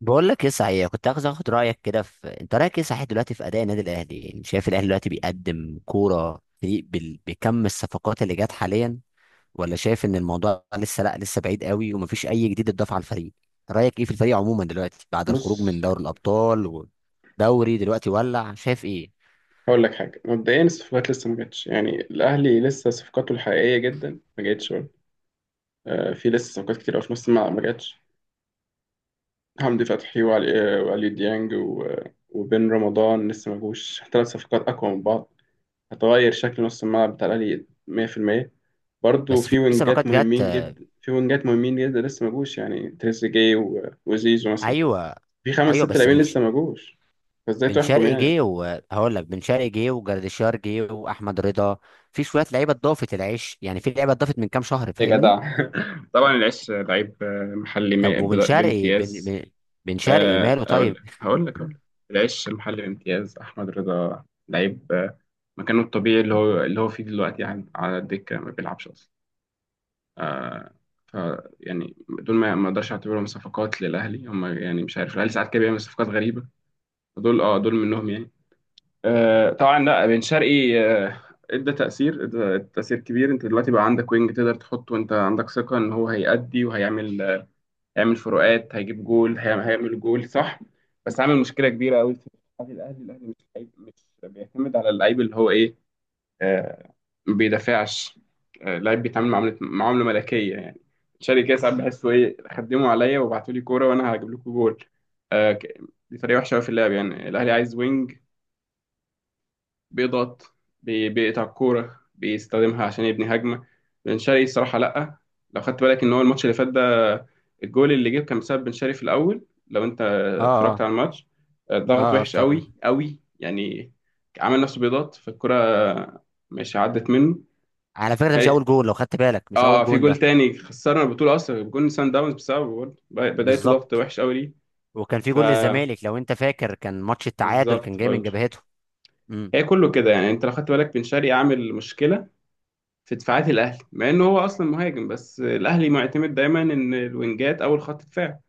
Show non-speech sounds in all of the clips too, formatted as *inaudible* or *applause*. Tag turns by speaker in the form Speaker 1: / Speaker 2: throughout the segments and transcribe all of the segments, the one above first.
Speaker 1: بقول لك ايه صحيح، كنت عايز اخد رايك كده انت رايك ايه صحيح دلوقتي في اداء النادي الاهلي؟ يعني شايف الاهلي دلوقتي بيقدم كوره فريق بكم الصفقات اللي جت حاليا، ولا شايف ان الموضوع لسه، لا، لسه بعيد قوي ومفيش اي جديد اتضاف على الفريق؟ رايك ايه في الفريق عموما دلوقتي بعد الخروج
Speaker 2: بص،
Speaker 1: من دوري الابطال ودوري دلوقتي ولع؟ شايف ايه؟
Speaker 2: هقول لك حاجة مبدئيا. الصفقات لسه ما جاتش، يعني الأهلي لسه صفقاته الحقيقية جدا ما جاتش برضه. في لسه صفقات كتير أوي في نص الملعب ما جاتش. حمدي فتحي وعلي ديانج وبن رمضان لسه ما جوش. 3 صفقات أقوى من بعض، هتغير شكل نص الملعب بتاع الأهلي 100%. برضه
Speaker 1: بس في
Speaker 2: في
Speaker 1: في
Speaker 2: وينجات
Speaker 1: صفقات جت.
Speaker 2: مهمين جدا، في وينجات مهمين جدا لسه ما جوش، يعني تريزيجيه وزيزو مثلا.
Speaker 1: ايوه.
Speaker 2: في خمس
Speaker 1: ايوه
Speaker 2: ست
Speaker 1: بس
Speaker 2: لاعبين لسه ما جوش، فازاي
Speaker 1: بن
Speaker 2: تحكم
Speaker 1: شرقي جه،
Speaker 2: يعني؟
Speaker 1: وهقول لك بن شرقي جه وجردشار جه واحمد رضا. في شويه لعيبه اتضافت، العيش يعني، في لعيبه اتضافت من كام شهر،
Speaker 2: يا
Speaker 1: فاهمني؟
Speaker 2: جدع، *laughs* طبعا العش لعيب، محلي
Speaker 1: طب وبن شرقي بن
Speaker 2: بامتياز.
Speaker 1: بن بن شرقي
Speaker 2: آه،
Speaker 1: ماله
Speaker 2: اقول
Speaker 1: طيب؟
Speaker 2: لك هقول لك أقول لك. العش المحلي بامتياز. احمد رضا لعيب، مكانه الطبيعي اللي هو فيه دلوقتي، يعني على الدكه ما بيلعبش اصلا. ف يعني دول ما اقدرش اعتبرهم صفقات للاهلي. هم يعني، مش عارف، الاهلي ساعات كده بيعمل صفقات غريبه. دول منهم يعني. طبعا، لا بن شرقي، ادى تأثير ادى تأثير كبير. انت دلوقتي بقى عندك وينج تقدر تحطه، وانت عندك ثقة ان هو هيأدي وهيعمل، هيعمل فروقات، هيجيب جول، هيعمل جول، صح. بس عامل مشكله كبيره قوي في دفاع الاهلي مش لعيب، مش بيعتمد على اللعيب، اللي هو ايه؟ آه، ما بيدافعش. آه، لعيب بيتعامل معامله معامله ملكيه، يعني تشاري كده. ساعات بحسه ايه، خدموا عليا وابعتوا لي كوره وانا هجيب لكم جول. آه ك- دي طريقه وحشه قوي في اللعب. يعني الاهلي عايز وينج بيضغط، بيقطع الكورة بيستخدمها عشان يبني هجمة. بن شرقي الصراحة لأ، لو خدت بالك إن هو الماتش اللي فات ده، الجول اللي جه كان بسبب بن شرقي في الأول، لو أنت
Speaker 1: اه،
Speaker 2: اتفرجت
Speaker 1: اه،
Speaker 2: على الماتش.
Speaker 1: اه،
Speaker 2: ضغط
Speaker 1: اه،
Speaker 2: وحش قوي قوي يعني، عمل نفسه بيضغط فالكرة، مش عدت منه.
Speaker 1: على فكره ده مش
Speaker 2: خي-
Speaker 1: اول جول، لو خدت بالك مش اول
Speaker 2: اه، في
Speaker 1: جون
Speaker 2: جول
Speaker 1: ده.
Speaker 2: تاني خسرنا البطولة أصلا، جول سان داونز بسببه برضه. بدايته ضغط
Speaker 1: بالظبط.
Speaker 2: وحش قوي ليه.
Speaker 1: وكان في جول للزمالك، لو انت فاكر، كان ماتش التعادل كان
Speaker 2: فبالظبط
Speaker 1: جاي من
Speaker 2: برضه.
Speaker 1: جبهته. امم.
Speaker 2: هي كله كده يعني، أنت لو خدت بالك بن شرقي عامل مشكلة في دفاعات الاهلي، مع انه هو اصلا مهاجم، بس الاهلي معتمد دايما ان الوينجات اول خط دفاع.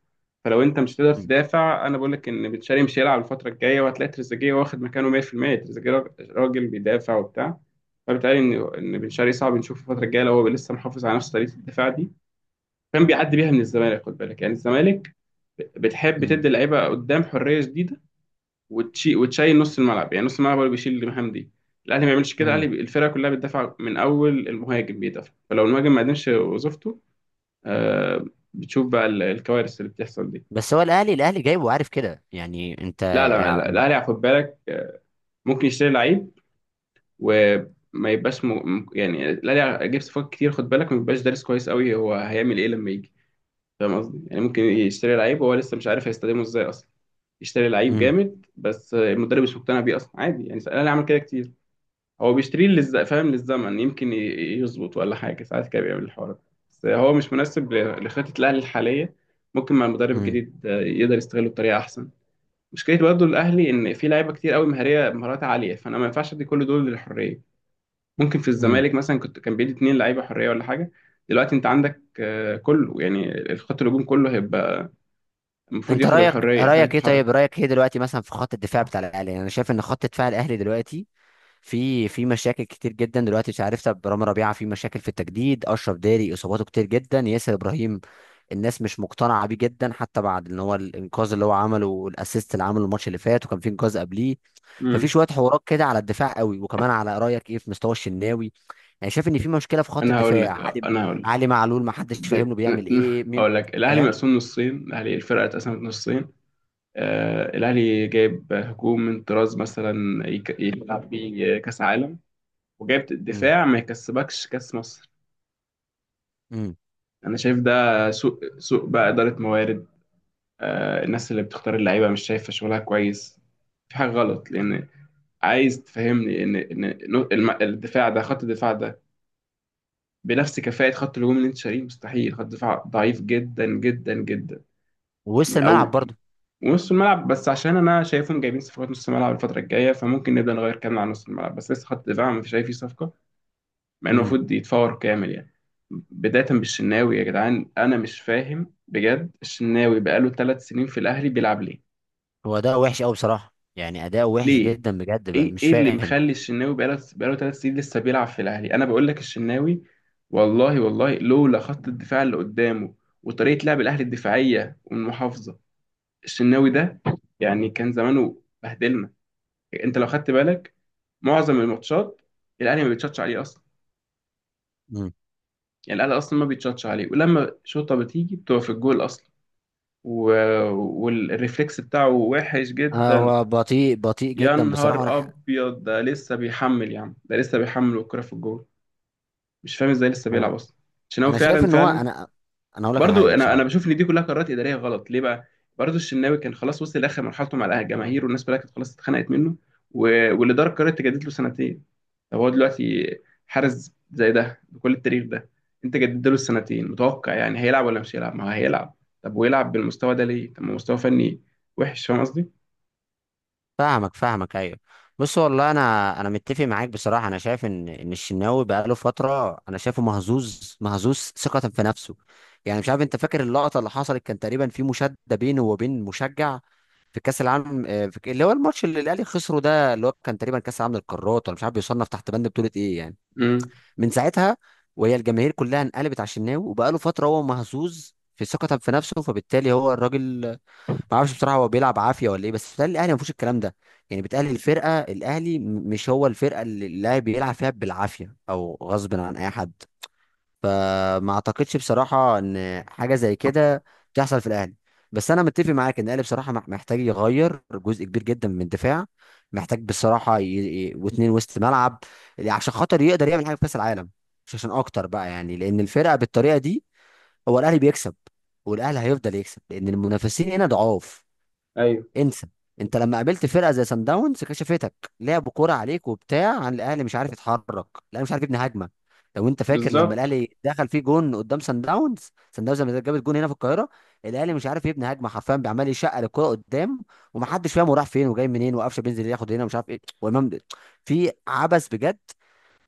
Speaker 2: فلو انت مش تقدر
Speaker 1: امم.
Speaker 2: تدافع، انا بقول لك ان بن شرقي مش هيلعب الفتره الجايه، وهتلاقي تريزيجيه واخد مكانه 100%. تريزيجيه راجل بيدافع وبتاع، فبالتالي ان بن شرقي صعب نشوفه الفتره الجايه لو هو لسه محافظ على نفس طريقه الدفاع دي، كان بيعدي بيها من الزمالك. خد بالك يعني، الزمالك بتحب
Speaker 1: امم.
Speaker 2: تدي اللعيبه قدام حريه شديده، وتشيل نص الملعب. يعني نص الملعب هو اللي بيشيل المهام دي. الاهلي ما بيعملش كده،
Speaker 1: أمم.
Speaker 2: الفرقه كلها بتدافع من اول المهاجم، بيدافع، فلو المهاجم ما قدمش وظيفته، آه، بتشوف بقى الكوارث اللي بتحصل دي.
Speaker 1: بس هو الاهلي جايبه وعارف كده يعني انت.
Speaker 2: لا، لا، لا، الاهلي خد بالك، ممكن يشتري لعيب وما يبقاش يعني، الاهلي جاب صفقات كتير خد بالك ما بيبقاش دارس كويس قوي هو هيعمل ايه لما يجي. فاهم قصدي؟ يعني ممكن يشتري لعيب وهو لسه مش عارف هيستخدمه ازاي اصلا. يشتري لعيب
Speaker 1: امم.
Speaker 2: جامد بس، المدرب مش مقتنع بيه اصلا، عادي، يعني الاهلي عمل كده كتير. هو بيشتريه فاهم، للزمن، يمكن يظبط ولا حاجة، ساعات كده بيعمل الحوار ده. بس هو مش مناسب لخطة الأهلي الحالية. ممكن مع المدرب
Speaker 1: امم.
Speaker 2: الجديد، يقدر يستغله بطريقة أحسن. مشكلة برضه الأهلي إن في لعيبة كتير قوي مهارية، مهارات عالية، فأنا ما ينفعش أدي كل دول للحرية. ممكن في الزمالك مثلا كنت كان بيدي 2 لعيبة حرية ولا حاجة. دلوقتي أنت عندك، كله، يعني الخط الهجوم كله هيبقى المفروض
Speaker 1: انت
Speaker 2: ياخد الحرية، حرية التحرك.
Speaker 1: رايك ايه دلوقتي مثلا في خط الدفاع بتاع الاهلي؟ يعني انا شايف ان خط دفاع الاهلي دلوقتي في مشاكل كتير جدا دلوقتي، مش عارف. طب رامي ربيعه في مشاكل في التجديد، اشرف داري اصاباته كتير جدا، ياسر ابراهيم الناس مش مقتنعه بيه جدا حتى بعد ان هو الانقاذ اللي هو عمله والاسيست اللي عمله الماتش اللي فات وكان في انقاذ قبليه. ففي
Speaker 2: مم.
Speaker 1: شويه حوارات كده على الدفاع قوي، وكمان على رايك ايه في مستوى الشناوي؟ يعني شايف ان في مشكله في خط
Speaker 2: أنا هقول
Speaker 1: الدفاع،
Speaker 2: لك،
Speaker 1: علي
Speaker 2: أنا هقول لك
Speaker 1: علي معلول ما حدش فاهم
Speaker 2: د-
Speaker 1: له بيعمل ايه
Speaker 2: *laughs*
Speaker 1: مين
Speaker 2: اقول لك، الاهلي
Speaker 1: فاهم.
Speaker 2: مقسوم نصين، الفرقه اتقسمت نصين. آه، الاهلي جايب هجوم من طراز مثلا يلعب بيه كاس عالم، وجايب
Speaker 1: امم.
Speaker 2: دفاع ما يكسبكش كاس مصر.
Speaker 1: امم.
Speaker 2: انا شايف ده سوء سوء بقى اداره موارد. آه، الناس اللي بتختار اللعيبه مش شايفه شغلها كويس، في حاجه غلط. لان عايز تفهمني ان ان إن الم- الدفاع ده، خط الدفاع ده بنفس كفاءه خط الهجوم اللي انت شاريه؟ مستحيل، خط دفاع ضعيف جدا جدا جدا.
Speaker 1: ووسط الملعب
Speaker 2: او،
Speaker 1: برضه.
Speaker 2: ونص الملعب بس، عشان انا شايفهم جايبين صفقات نص الملعب الفتره الجايه، فممكن نبدا نغير كلامنا عن نص الملعب. بس لسه خط دفاع مش شايف فيه صفقه، مع انه
Speaker 1: امم.
Speaker 2: المفروض يتفور كامل يعني. بدايه بالشناوي، يا جدعان انا مش فاهم بجد الشناوي بقاله 3 سنين في الاهلي بيلعب ليه.
Speaker 1: هو اداؤه وحش قوي بصراحه، يعني اداؤه وحش
Speaker 2: ليه؟
Speaker 1: جدا بجد، بقى
Speaker 2: ايه
Speaker 1: مش
Speaker 2: ايه اللي
Speaker 1: فاهم.
Speaker 2: مخلي الشناوي بقاله 3 سنين لسه بيلعب في الاهلي؟ انا بقول لك الشناوي، والله والله، لولا خط الدفاع اللي قدامه وطريقه لعب الاهلي الدفاعيه والمحافظه، الشناوي ده يعني كان زمانه بهدلنا. انت لو خدت بالك معظم الماتشات الاهلي ما بيتشطش عليه اصلا،
Speaker 1: امم.
Speaker 2: يعني الاهلي اصلا ما بيتشطش عليه، ولما شوطه بتيجي بتبقى في الجول اصلا. و... والريفلكس بتاعه وحش جدا.
Speaker 1: هو بطيء بطيء
Speaker 2: يا
Speaker 1: جدا بصراحه، وانا
Speaker 2: نهار
Speaker 1: ح-
Speaker 2: ابيض، ده لسه بيحمل يا عم، ده لسه بيحمل والكرة في الجول. مش فاهم ازاي لسه بيلعب
Speaker 1: انا
Speaker 2: اصلا عشان هو
Speaker 1: انا شايف
Speaker 2: فعلا
Speaker 1: ان هو،
Speaker 2: فعلا.
Speaker 1: انا اقول لك على
Speaker 2: برضو
Speaker 1: حاجه
Speaker 2: انا
Speaker 1: بصراحه.
Speaker 2: انا بشوف ان دي كلها قرارات اداريه غلط. ليه بقى؟ برضو الشناوي كان خلاص وصل لاخر مرحلته مع الجماهير، والناس كلها كانت خلاص اتخنقت منه. و... والاداره قررت تجدد له سنتين. طب هو دلوقتي حارس زي ده بكل التاريخ ده، انت جددت له السنتين متوقع يعني هيلعب ولا مش هيلعب؟ ما هو هيلعب. طب ويلعب بالمستوى ده ليه؟ طب ما هو مستوى فني وحش. فاهم قصدي؟
Speaker 1: فاهمك، فاهمك، ايوه. بص، والله انا متفق معاك بصراحه. انا شايف ان الشناوي بقاله فتره، انا شايفه مهزوز، مهزوز ثقه في نفسه. يعني مش عارف انت فاكر اللقطه اللي حصلت، كان تقريبا في مشاده بينه وبين مشجع في كاس العالم، آه، اللي هو الماتش اللي الاهلي خسره ده، اللي هو كان تقريبا كاس العالم للقارات ولا مش عارف بيصنف تحت بند بطوله ايه يعني.
Speaker 2: امم.
Speaker 1: من ساعتها وهي الجماهير كلها انقلبت على الشناوي، وبقاله فتره هو مهزوز في ثقته في نفسه. فبالتالي هو الراجل ما اعرفش بصراحه، هو بيلعب عافيه ولا ايه؟ بس بيتهيألي الاهلي ما فيهوش الكلام ده. يعني بيتهيألي الفرقه الاهلي، مش هو الفرقه اللي اللاعب بيلعب فيها بالعافيه او غصب عن اي حد. فما اعتقدش بصراحة ان حاجة زي كده تحصل في الاهلي. بس انا متفق معاك ان الاهلي بصراحة محتاج يغير جزء كبير جدا من الدفاع. محتاج بصراحة واتنين وسط ملعب، يعني عشان خاطر يقدر يعمل حاجة في كأس العالم. مش عشان اكتر بقى، يعني لان الفرقة بالطريقة دي هو الاهلي بيكسب، والاهلي هيفضل يكسب لان المنافسين هنا ضعاف.
Speaker 2: ايوه.
Speaker 1: انسى. انت لما قابلت فرقه زي سان داونز كشفتك، لعبوا كوره عليك وبتاع، عن الاهلي مش عارف يتحرك، الاهلي مش عارف يبني هجمه. لو انت فاكر لما
Speaker 2: بالظبط.
Speaker 1: الاهلي دخل فيه جون قدام سان داونز، سان داونز لما جابت جون هنا في القاهره، الاهلي مش عارف يبني هجمه حرفيا، بيعمل يشقى الكوره قدام، ومحدش فاهم هو راح فين وجاي منين، وقفشه بينزل ياخد هنا مش عارف ايه، وامام في عبث بجد.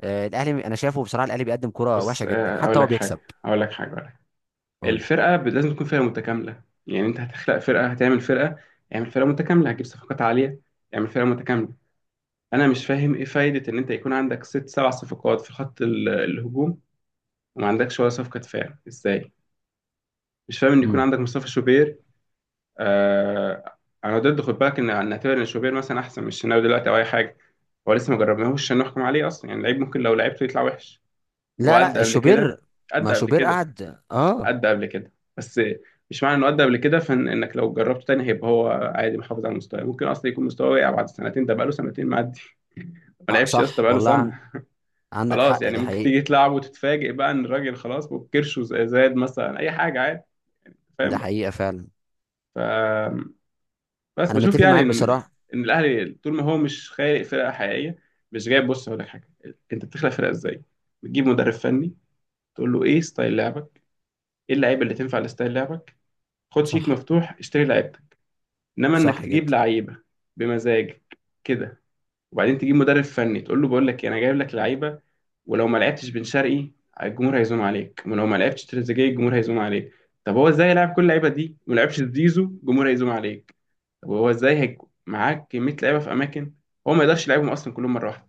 Speaker 1: آه، الاهلي انا شايفه بصراحه الاهلي بيقدم كوره وحشه
Speaker 2: بص،
Speaker 1: جدا حتى
Speaker 2: اقول
Speaker 1: هو
Speaker 2: لك
Speaker 1: بيكسب.
Speaker 2: حاجه، اقول لك حاجه.
Speaker 1: قول لي.
Speaker 2: الفرقة لازم تكون فرقة متكاملة. يعني انت هتخلق فرقة، هتعمل فرقة، اعمل فرقة متكاملة، هتجيب صفقات عالية، اعمل فرقة متكاملة. انا مش فاهم ايه فايدة ان انت يكون عندك ست سبع صفقات في خط الهجوم وما عندكش ولا صفقة دفاع؟ ازاي؟ مش فاهم ان يكون
Speaker 1: مم.
Speaker 2: عندك مصطفى شوبير. آه، انا ضد خد بالك ان نعتبر ان شوبير مثلا احسن من الشناوي دلوقتي او اي حاجة. هو لسه ما جربناهوش عشان نحكم عليه اصلا، يعني لعيب ممكن لو لعبته يطلع وحش. هو
Speaker 1: لا،
Speaker 2: قد
Speaker 1: لا،
Speaker 2: قبل كده،
Speaker 1: شوبير.
Speaker 2: قد
Speaker 1: ما
Speaker 2: قبل
Speaker 1: شوبير
Speaker 2: كده،
Speaker 1: قعد، اه.
Speaker 2: قد قبل كده، بس مش معنى انه قد قبل كده فان انك لو جربته تاني هيبقى هو عادي محافظ على المستوى. ممكن اصلا يكون مستواه واقع بعد سنتين، ده بقاله سنتين معدي، ما
Speaker 1: آه،
Speaker 2: لعبش يا اسطى
Speaker 1: صح
Speaker 2: بقاله
Speaker 1: والله.
Speaker 2: سنه.
Speaker 1: عندك
Speaker 2: خلاص
Speaker 1: حق،
Speaker 2: يعني
Speaker 1: دي
Speaker 2: ممكن
Speaker 1: حقيقة.
Speaker 2: تيجي تلعب وتتفاجئ بقى ان الراجل خلاص كرشه زاد مثلا، اي حاجه عادي،
Speaker 1: دي
Speaker 2: فاهم بقى.
Speaker 1: حقيقة فعلا.
Speaker 2: ف بس
Speaker 1: أنا
Speaker 2: بشوف
Speaker 1: متفق
Speaker 2: يعني
Speaker 1: معاك
Speaker 2: ان
Speaker 1: بصراحة.
Speaker 2: ان الاهلي طول ما هو مش خالق فرقه حقيقيه، مش جايب، بص هقول لك حاجه. انت بتخلق فرقه ازاي؟ بتجيب مدرب فني، تقول له ايه ستايل لعبك؟ ايه اللعيبه اللي تنفع لستايل لعبك؟ خد شيك
Speaker 1: صح.
Speaker 2: مفتوح، اشتري لعيبه. انما انك
Speaker 1: صح
Speaker 2: تجيب
Speaker 1: جدا.
Speaker 2: لعيبه بمزاجك كده، وبعدين تجيب مدرب فني تقول له بقول لك إيه، انا جايب لك لعيبه، ولو ما لعبتش بن شرقي الجمهور هيزوم عليك، ولو ما لعبتش تريزيجيه الجمهور هيزوم عليك، طب هو ازاي يلعب كل اللعيبه دي وما لعبش زيزو الجمهور هيزوم عليك. طب هو ازاي هيك، معاك كميه لعيبه في اماكن هو ما يقدرش يلعبهم اصلا كلهم مره واحده؟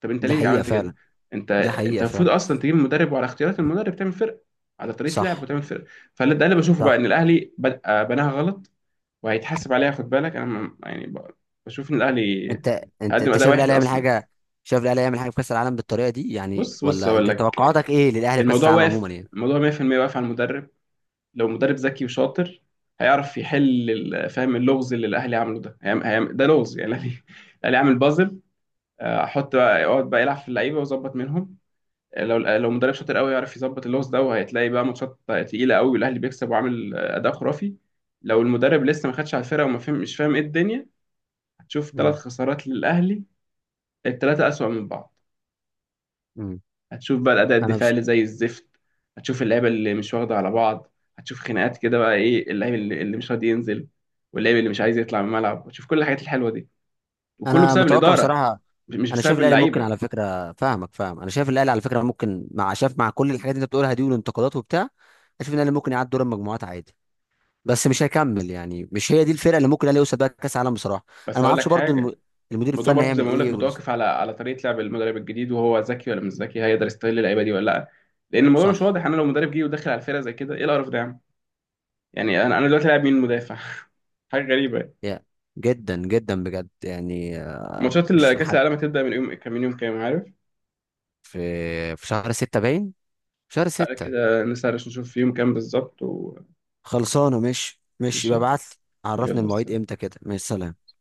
Speaker 2: طب انت
Speaker 1: دي
Speaker 2: ليه
Speaker 1: حقيقة
Speaker 2: عملت كده؟
Speaker 1: فعلا.
Speaker 2: انت
Speaker 1: دي
Speaker 2: انت
Speaker 1: حقيقة
Speaker 2: المفروض
Speaker 1: فعلا.
Speaker 2: اصلا تجيب مدرب، وعلى اختيارات المدرب تعمل فرق، على طريقه لعب
Speaker 1: صح.
Speaker 2: وتعمل فرق. فده اللي بشوفه بقى،
Speaker 1: صح.
Speaker 2: ان الاهلي بدأ بناها غلط، وهيتحاسب عليها. خد بالك انا يعني بشوف ان الاهلي
Speaker 1: أنت أنت
Speaker 2: هقدم
Speaker 1: أنت
Speaker 2: اداء وحش اصلا.
Speaker 1: شايف الأهلي يعمل حاجة في كأس العالم بالطريقة دي يعني؟
Speaker 2: بص بص
Speaker 1: ولا
Speaker 2: اقول
Speaker 1: أنت
Speaker 2: لك،
Speaker 1: توقعاتك إيه للأهلي في كأس
Speaker 2: الموضوع
Speaker 1: العالم
Speaker 2: واقف،
Speaker 1: عموما يعني؟
Speaker 2: الموضوع 100% واقف على المدرب. لو مدرب ذكي وشاطر، هيعرف يحل فاهم اللغز اللي الاهلي عمله ده، ده لغز يعني. الاهلي، الاهلي عامل بازل، آه، احط بقى، اقعد بقى يلعب في اللعيبه ويظبط منهم. آه، لو مدرب شاطر قوي يعرف يظبط اللغز ده، وهتلاقي بقى ماتشات تقيله قوي والاهلي بيكسب وعامل، اداء خرافي. لو المدرب لسه ما خدش على الفرقه وما فهم، مش فاهم ايه الدنيا، هتشوف ثلاث
Speaker 1: امم.
Speaker 2: خسارات للاهلي، التلاتة أسوأ من بعض.
Speaker 1: امم.
Speaker 2: هتشوف بقى الأداء
Speaker 1: أنا
Speaker 2: الدفاعي
Speaker 1: بس
Speaker 2: اللي زي الزفت، هتشوف اللعيبة اللي مش واخدة على بعض، هتشوف خناقات كده بقى، إيه اللعيب اللي مش راضي ينزل، واللعيب اللي مش عايز يطلع من الملعب، هتشوف كل الحاجات الحلوة دي، وكله
Speaker 1: أنا
Speaker 2: بسبب
Speaker 1: متوقع
Speaker 2: الإدارة
Speaker 1: بصراحة،
Speaker 2: مش
Speaker 1: أنا شايف
Speaker 2: بسبب
Speaker 1: الأهلي ممكن
Speaker 2: اللعيبة.
Speaker 1: على فكرة. فاهم. أنا شايف الأهلي على فكرة ممكن، مع شايف مع كل الحاجات اللي أنت بتقولها دي والانتقادات وبتاع، أشوف إن الأهلي ممكن يعدي دور المجموعات عادي. بس مش هيكمل، يعني مش هي دي الفرقه اللي ممكن الاهلي يوصل بيها كاس العالم بصراحه. انا
Speaker 2: بس
Speaker 1: ما
Speaker 2: هقول
Speaker 1: اعرفش
Speaker 2: لك
Speaker 1: برضو
Speaker 2: حاجة،
Speaker 1: المدير
Speaker 2: الموضوع
Speaker 1: الفني
Speaker 2: برضه زي
Speaker 1: هيعمل
Speaker 2: ما بقول لك
Speaker 1: ايه
Speaker 2: متوقف على طريقة لعب المدرب الجديد، وهو ذكي ولا مش ذكي، هيقدر يستغل اللعيبة دي ولا لأ، لأن الموضوع مش
Speaker 1: صح.
Speaker 2: واضح. أنا لو مدرب جه ودخل على الفرقة زي كده، إيه القرف ده يا عم؟ يعني أنا دلوقتي لاعب مين مدافع؟ *laughs* حاجة غريبة.
Speaker 1: يا جدا جدا بجد يعني، آه،
Speaker 2: ماتشات
Speaker 1: مش
Speaker 2: كأس
Speaker 1: محد.
Speaker 2: العالم هتبدأ من يوم كام، من يوم كام عارف؟
Speaker 1: في في شهر ستة باين، شهر
Speaker 2: تعالى
Speaker 1: ستة.
Speaker 2: كده نسهرش نشوف في يوم كام بالظبط وماشي.
Speaker 1: خلصانه. مش يبقى ابعت لي عرفني
Speaker 2: يلا،
Speaker 1: المواعيد
Speaker 2: سلام.
Speaker 1: امتى كده، مع السلامه.